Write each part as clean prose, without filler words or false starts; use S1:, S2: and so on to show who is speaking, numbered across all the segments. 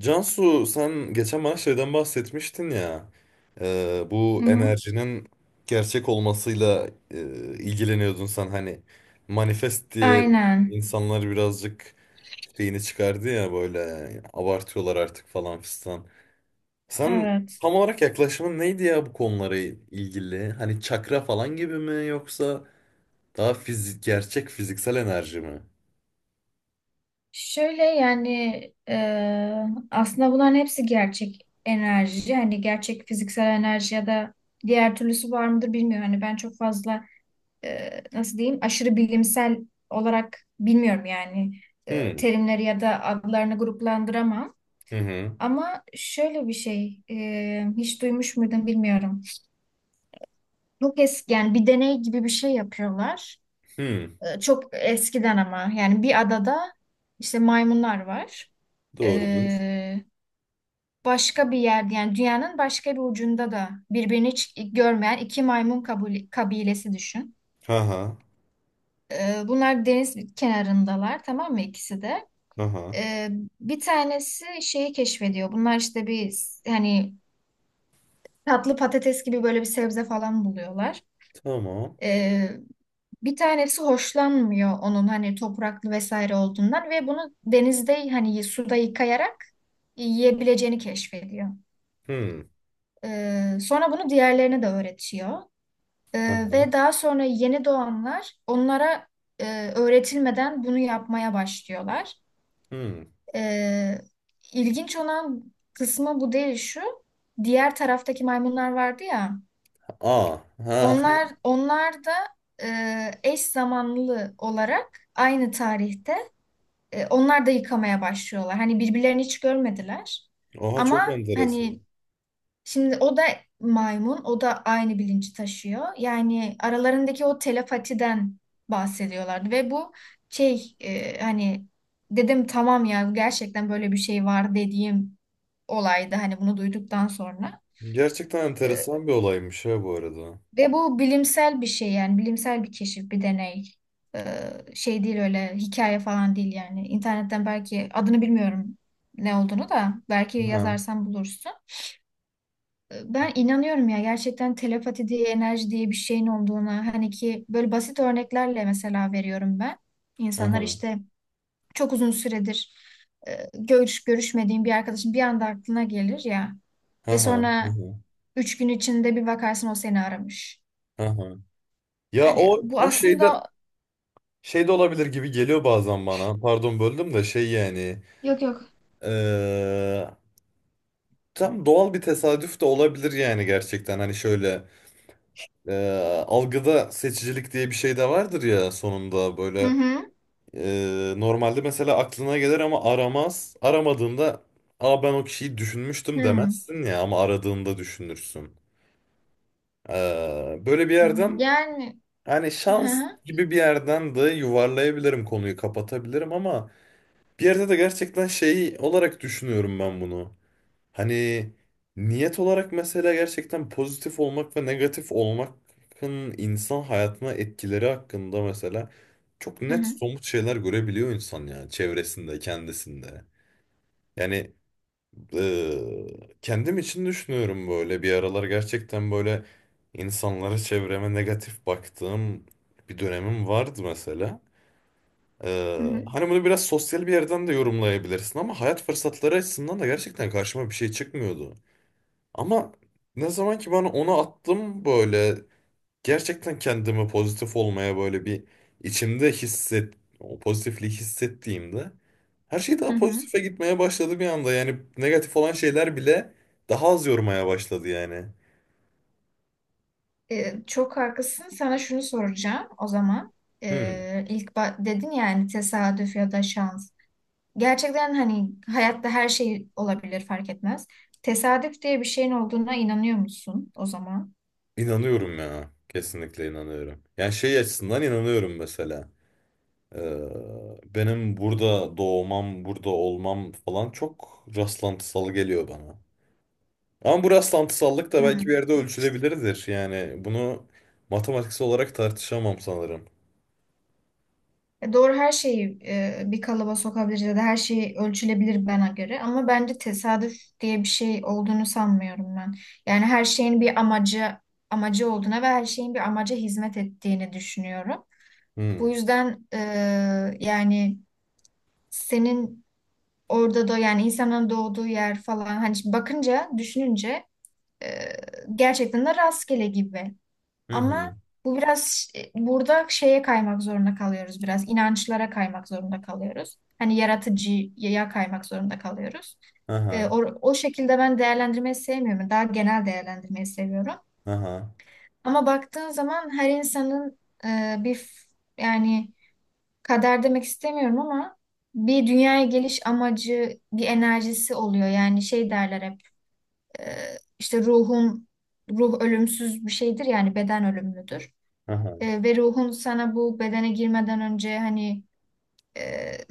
S1: Cansu sen geçen bana şeyden bahsetmiştin ya bu
S2: Hı hı.
S1: enerjinin gerçek olmasıyla ilgileniyordun sen hani manifest diye
S2: Aynen.
S1: insanlar birazcık şeyini çıkardı ya böyle abartıyorlar artık falan fistan. Sen
S2: Evet.
S1: tam olarak yaklaşımın neydi ya bu konulara ilgili? Hani çakra falan gibi mi yoksa daha fizik gerçek fiziksel enerji mi?
S2: Şöyle yani e, aslında bunların hepsi gerçek enerji. Hani gerçek fiziksel enerji ya da diğer türlüsü var mıdır bilmiyorum. Hani ben çok fazla nasıl diyeyim aşırı bilimsel olarak bilmiyorum yani
S1: Hmm.
S2: terimleri ya da adlarını gruplandıramam.
S1: Hı hı.
S2: Ama şöyle bir şey hiç duymuş muydun bilmiyorum. Çok eski yani bir deney gibi bir şey yapıyorlar.
S1: Hmm.
S2: Çok eskiden ama yani bir adada işte maymunlar var.
S1: Doğrudur.
S2: Ee, Başka bir yerde yani dünyanın başka bir ucunda da birbirini hiç görmeyen iki maymun kabilesi düşün.
S1: Aha. Aha.
S2: Bunlar deniz kenarındalar, tamam mı, ikisi de. Ee, Bir tanesi şeyi keşfediyor. Bunlar işte bir hani tatlı patates gibi böyle bir sebze falan buluyorlar.
S1: Tamam.
S2: Bir tanesi hoşlanmıyor onun hani topraklı vesaire olduğundan ve bunu denizde hani suda yıkayarak yiyebileceğini keşfediyor.
S1: Hmm.
S2: Sonra bunu diğerlerine de öğretiyor.
S1: Aha.
S2: Ve daha sonra yeni doğanlar onlara öğretilmeden bunu yapmaya başlıyorlar.
S1: Hmm.
S2: Ee, ilginç olan kısmı bu değil, şu. Diğer taraftaki maymunlar vardı ya.
S1: Aa. Ha.
S2: Onlar da eş zamanlı olarak aynı tarihte, onlar da yıkamaya başlıyorlar. Hani birbirlerini hiç görmediler.
S1: Oha, çok
S2: Ama
S1: enteresan.
S2: hani şimdi o da maymun, o da aynı bilinci taşıyor. Yani aralarındaki o telepatiden bahsediyorlardı ve bu hani dedim tamam ya, gerçekten böyle bir şey var dediğim olaydı hani bunu duyduktan sonra.
S1: Gerçekten enteresan bir olaymış ha bu arada.
S2: Ve bu bilimsel bir şey, yani bilimsel bir keşif, bir deney. Ee, Şey değil, öyle hikaye falan değil yani. İnternetten, belki adını bilmiyorum ne olduğunu da, belki
S1: Aha.
S2: yazarsan bulursun. Ben inanıyorum ya, gerçekten telepati diye, enerji diye bir şeyin olduğuna. Hani ki böyle basit örneklerle mesela veriyorum ben. İnsanlar
S1: Aha.
S2: işte çok uzun süredir görüşmediğin bir arkadaşın bir anda aklına gelir ya ve
S1: Aha.
S2: sonra
S1: Aha.
S2: üç gün içinde bir bakarsın o seni aramış.
S1: Aha. Ya
S2: Yani
S1: o
S2: bu
S1: o şeyde
S2: aslında.
S1: şeyde olabilir gibi geliyor bazen bana. Pardon, böldüm de şey yani.
S2: Yok, yok.
S1: eee, Tam doğal bir tesadüf de olabilir yani gerçekten. Hani şöyle algıda seçicilik diye bir şey de vardır ya sonunda
S2: Hı
S1: böyle.
S2: hı.
S1: Normalde mesela aklına gelir ama aramaz. Aramadığında, aa, ben o kişiyi düşünmüştüm
S2: Hı.
S1: demezsin ya, ama aradığında düşünürsün. Böyle bir yerden,
S2: Yani,
S1: hani
S2: hı
S1: şans
S2: hı.
S1: gibi bir yerden de yuvarlayabilirim, konuyu kapatabilirim ama bir yerde de gerçekten şey olarak düşünüyorum ben bunu. Hani niyet olarak mesela gerçekten pozitif olmak ve negatif olmakın insan hayatına etkileri hakkında mesela çok
S2: Hı
S1: net
S2: hı.
S1: somut şeyler görebiliyor insan ya, çevresinde, kendisinde. Yani eee, kendim için düşünüyorum, böyle bir aralar gerçekten böyle insanlara, çevreme negatif baktığım bir dönemim vardı mesela.
S2: Hı hı.
S1: Hani bunu biraz sosyal bir yerden de yorumlayabilirsin ama hayat fırsatları açısından da gerçekten karşıma bir şey çıkmıyordu. Ama ne zaman ki bana onu attım böyle, gerçekten kendimi pozitif olmaya böyle bir içimde o pozitifliği hissettiğimde her şey
S2: Hı
S1: daha
S2: hı.
S1: pozitife gitmeye başladı bir anda. Yani negatif olan şeyler bile daha az yormaya başladı yani.
S2: Çok haklısın. Sana şunu soracağım o zaman.
S1: Hmm.
S2: Dedin yani tesadüf ya da şans. Gerçekten hani hayatta her şey olabilir, fark etmez. Tesadüf diye bir şeyin olduğuna inanıyor musun o zaman?
S1: İnanıyorum ya. Kesinlikle inanıyorum. Yani şey açısından inanıyorum mesela. Ee, Benim burada doğmam, burada olmam falan çok rastlantısal geliyor bana. Ama bu rastlantısallık da belki bir
S2: Hı.
S1: yerde ölçülebilirdir. Yani bunu matematiksel olarak tartışamam sanırım.
S2: Doğru, her şeyi bir kalıba sokabiliriz ya da her şey ölçülebilir bana göre, ama bence tesadüf diye bir şey olduğunu sanmıyorum ben. Yani her şeyin bir amacı olduğuna ve her şeyin bir amaca hizmet ettiğini düşünüyorum. Bu
S1: Hmm.
S2: yüzden yani senin orada da yani insanın doğduğu yer falan, hani bakınca düşününce e, gerçekten de rastgele gibi.
S1: Hı
S2: Ama
S1: hı.
S2: bu biraz burada şeye kaymak zorunda kalıyoruz biraz. İnançlara kaymak zorunda kalıyoruz. Hani yaratıcıya kaymak zorunda kalıyoruz.
S1: Aha.
S2: O şekilde ben değerlendirmeyi sevmiyorum. Daha genel değerlendirmeyi seviyorum.
S1: Aha.
S2: Ama baktığın zaman her insanın e, bir f- yani kader demek istemiyorum ama bir dünyaya geliş amacı, bir enerjisi oluyor. Yani şey derler hep, e, işte ruh ölümsüz bir şeydir yani, beden ölümlüdür.
S1: Aha.
S2: Ve ruhun sana bu bedene girmeden önce hani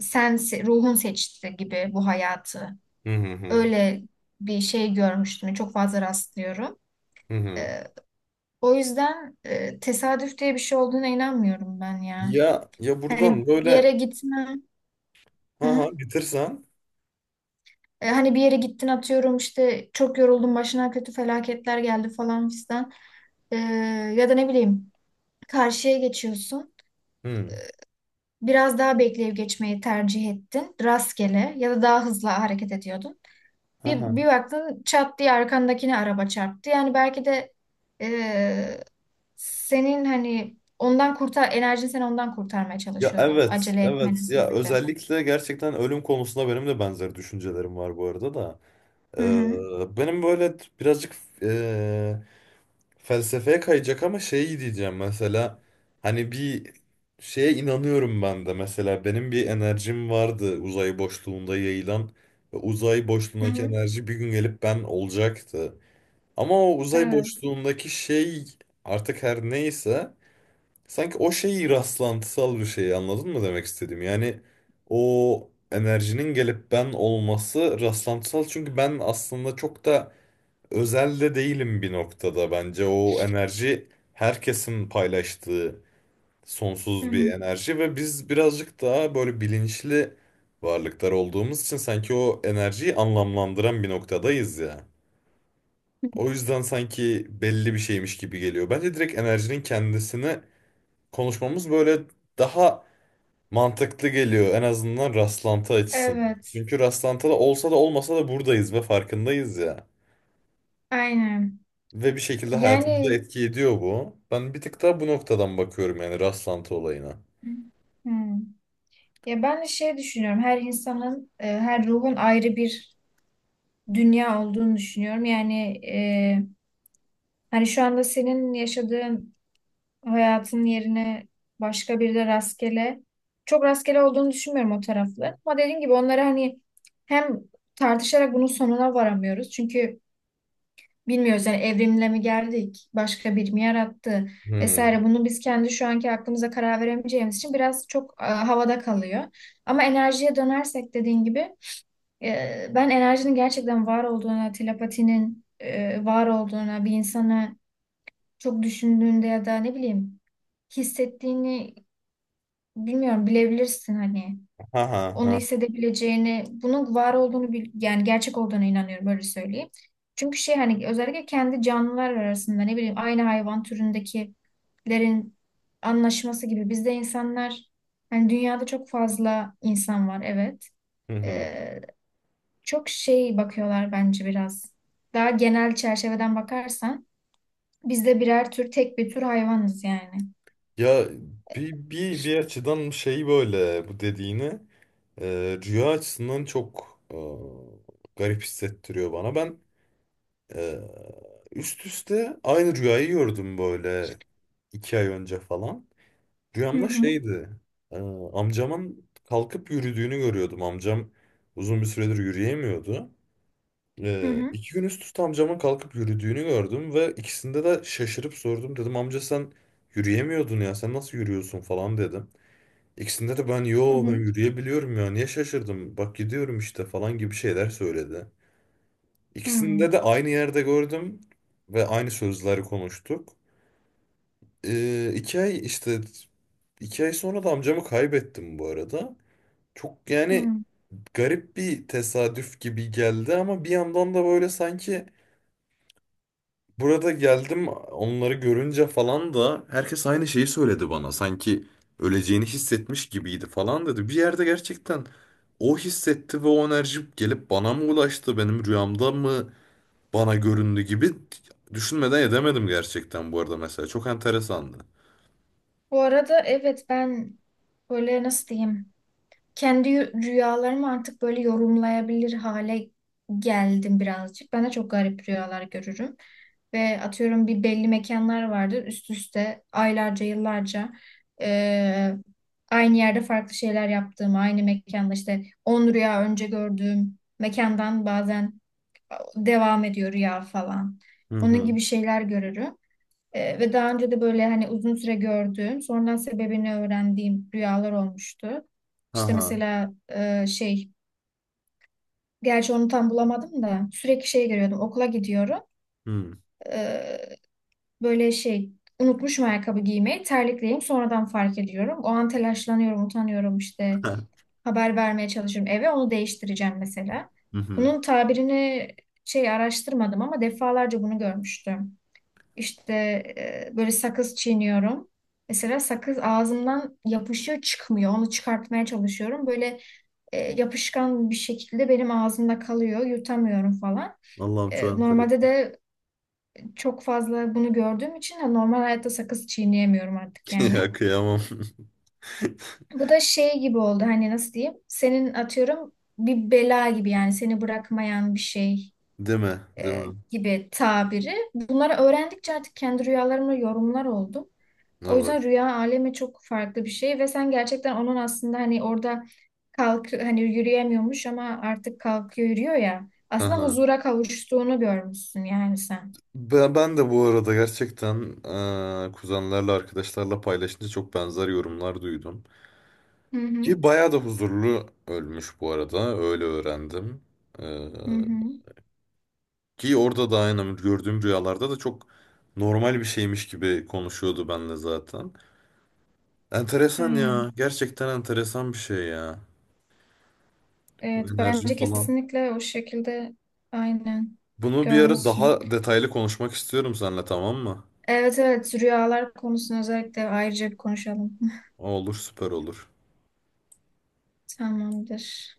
S2: ruhun seçti gibi bu hayatı.
S1: Hı hı hı.
S2: Öyle bir şey görmüştüm. Çok fazla rastlıyorum.
S1: Hı hı.
S2: E, O yüzden tesadüf diye bir şey olduğuna inanmıyorum ben ya.
S1: Ya ya,
S2: Hani
S1: buradan
S2: bir
S1: böyle
S2: yere gitme. Hı
S1: aha
S2: hı.
S1: bitirsen.
S2: Hani bir yere gittin, atıyorum işte çok yoruldun, başına kötü felaketler geldi falan fistan. E, Ya da ne bileyim, karşıya geçiyorsun.
S1: Hı.
S2: Biraz daha bekleyip geçmeyi tercih ettin. Rastgele ya da daha hızlı hareket ediyordun. Bir,
S1: Aha.
S2: bir baktın çat diye arkandakine araba çarptı. Yani belki de e, senin hani enerjin seni ondan kurtarmaya
S1: Ya
S2: çalışıyordu.
S1: evet,
S2: Acele etmenin
S1: evet. Ya
S2: sebebi.
S1: özellikle gerçekten ölüm konusunda benim de benzer düşüncelerim var bu arada da.
S2: Hı hı.
S1: Benim böyle birazcık felsefeye kayacak ama şey diyeceğim mesela, hani bir şeye inanıyorum ben de mesela, benim bir enerjim vardı uzay boşluğunda yayılan ve uzay
S2: Hı
S1: boşluğundaki
S2: hı.
S1: enerji bir gün gelip ben olacaktı. Ama o uzay
S2: Evet.
S1: boşluğundaki şey artık her neyse, sanki o şey rastlantısal bir şey, anladın mı demek istedim. Yani o enerjinin gelip ben olması rastlantısal, çünkü ben aslında çok da özelde değilim bir noktada bence. O enerji herkesin paylaştığı
S2: Hı
S1: sonsuz bir
S2: hı.
S1: enerji ve biz birazcık daha böyle bilinçli varlıklar olduğumuz için sanki o enerjiyi anlamlandıran bir noktadayız ya. O yüzden sanki belli bir şeymiş gibi geliyor. Bence direkt enerjinin kendisini konuşmamız böyle daha mantıklı geliyor, en azından rastlantı açısından.
S2: Evet,
S1: Çünkü rastlantıda olsa da olmasa da buradayız ve farkındayız ya.
S2: aynen.
S1: Ve bir şekilde hayatımıza
S2: Yani,
S1: etki ediyor bu. Ben bir tık daha bu noktadan bakıyorum yani rastlantı olayına.
S2: hmm. Ya ben de şey düşünüyorum. Her insanın, her ruhun ayrı bir dünya olduğunu düşünüyorum. Yani e, hani şu anda senin yaşadığın hayatın yerine başka bir de rastgele. Çok rastgele olduğunu düşünmüyorum o taraflı. Ama dediğim gibi onları hani hem tartışarak bunun sonuna varamıyoruz. Çünkü bilmiyoruz yani, evrimle mi geldik, başka bir mi yarattı
S1: Hmm.
S2: vesaire. Bunu biz kendi şu anki aklımıza karar veremeyeceğimiz için biraz çok havada kalıyor. Ama enerjiye dönersek dediğin gibi, ben enerjinin gerçekten var olduğuna, telepatinin var olduğuna, bir insana çok düşündüğünde ya da ne bileyim hissettiğini bilmiyorum, bilebilirsin hani.
S1: Ha ha
S2: Onu
S1: ha.
S2: hissedebileceğini, bunun var olduğunu yani gerçek olduğuna inanıyorum, böyle söyleyeyim. Çünkü şey, hani özellikle kendi canlılar arasında ne bileyim aynı hayvan türündekilerin anlaşması gibi bizde insanlar hani dünyada çok fazla insan var, evet.
S1: Hı hı.
S2: Ee, Çok şey bakıyorlar bence biraz. Daha genel çerçeveden bakarsan biz de birer tür, tek bir tür hayvanız yani.
S1: Ya bir açıdan şey böyle bu dediğini rüya açısından çok garip hissettiriyor bana. Ben e, üst üste aynı rüyayı gördüm böyle 2 ay önce falan.
S2: Hı
S1: Rüyamda
S2: hı,
S1: şeydi, e, amcamın kalkıp yürüdüğünü görüyordum. Amcam uzun bir süredir yürüyemiyordu.
S2: hı hı,
S1: 2 gün üst üste amcamın kalkıp yürüdüğünü gördüm ve ikisinde de şaşırıp sordum. Dedim amca sen yürüyemiyordun ya, sen nasıl yürüyorsun falan dedim. İkisinde de ben
S2: hı
S1: yo ben
S2: hı,
S1: yürüyebiliyorum ya niye şaşırdım bak gidiyorum işte falan gibi şeyler söyledi.
S2: hı,
S1: İkisinde de aynı yerde gördüm ve aynı sözleri konuştuk. 2 ay işte, 2 ay sonra da amcamı kaybettim bu arada. Çok yani
S2: hı.
S1: garip bir tesadüf gibi geldi ama bir yandan da böyle sanki. Burada geldim onları görünce falan da herkes aynı şeyi söyledi bana. Sanki öleceğini hissetmiş gibiydi falan dedi. Bir yerde gerçekten o hissetti ve o enerji gelip bana mı ulaştı, benim rüyamda mı bana göründü gibi düşünmeden edemedim gerçekten bu arada mesela. Çok enteresandı.
S2: Bu arada evet, ben böyle nasıl diyeyim, kendi rüyalarımı artık böyle yorumlayabilir hale geldim birazcık. Ben de çok garip rüyalar görürüm. Ve atıyorum bir belli mekanlar vardır üst üste aylarca yıllarca, eee, aynı yerde farklı şeyler yaptığım, aynı mekanda işte 10 rüya önce gördüğüm mekandan bazen devam ediyor rüya falan.
S1: Hı
S2: Onun
S1: hı.
S2: gibi şeyler görürüm. Ve daha önce de böyle hani uzun süre gördüğüm, sonradan sebebini öğrendiğim rüyalar olmuştu.
S1: Ha
S2: İşte
S1: ha.
S2: mesela şey, gerçi onu tam bulamadım da sürekli şey görüyordum. Okula gidiyorum.
S1: Hı.
S2: Ee, Böyle şey, unutmuşum ayakkabı giymeyi, terlikleyeyim sonradan fark ediyorum. O an telaşlanıyorum, utanıyorum işte.
S1: Ha.
S2: Haber vermeye çalışıyorum eve, onu değiştireceğim mesela.
S1: Hı hı.
S2: Bunun tabirini şey araştırmadım ama defalarca bunu görmüştüm. İşte böyle sakız çiğniyorum. Mesela sakız ağzımdan yapışıyor çıkmıyor. Onu çıkartmaya çalışıyorum. Böyle yapışkan bir şekilde benim ağzımda kalıyor. Yutamıyorum falan.
S1: Allah'ım çok
S2: Normalde
S1: enteresan.
S2: de çok fazla bunu gördüğüm için de normal hayatta sakız çiğneyemiyorum artık yani.
S1: Ya kıyamam.
S2: Bu da şey gibi oldu, hani nasıl diyeyim? Senin atıyorum bir bela gibi yani, seni bırakmayan bir şey
S1: Değil mi? Değil mi?
S2: gibi tabiri. Bunları öğrendikçe artık kendi rüyalarımla yorumlar oldum. O
S1: Evet.
S2: yüzden rüya alemi çok farklı bir şey ve sen gerçekten onun aslında hani orada kalk hani yürüyemiyormuş ama artık kalkıyor, yürüyor ya. Aslında
S1: Ha.
S2: huzura kavuştuğunu görmüşsün yani sen.
S1: Ben de bu arada gerçekten kuzenlerle arkadaşlarla paylaşınca çok benzer yorumlar duydum.
S2: Hı hı.
S1: Ki bayağı da huzurlu ölmüş bu arada, öyle öğrendim. Eee,
S2: Hı hı.
S1: Ki orada da aynı gördüğüm rüyalarda da çok normal bir şeymiş gibi konuşuyordu benle zaten. Enteresan ya,
S2: Aynen.
S1: gerçekten enteresan bir şey ya. Bu
S2: Evet,
S1: enerji
S2: bence
S1: falan.
S2: kesinlikle o şekilde aynen
S1: Bunu bir ara
S2: görmüşsün.
S1: daha detaylı konuşmak istiyorum seninle, tamam mı?
S2: Evet, evet, rüyalar konusunu özellikle ayrıca bir konuşalım.
S1: Olur, süper olur.
S2: Tamamdır.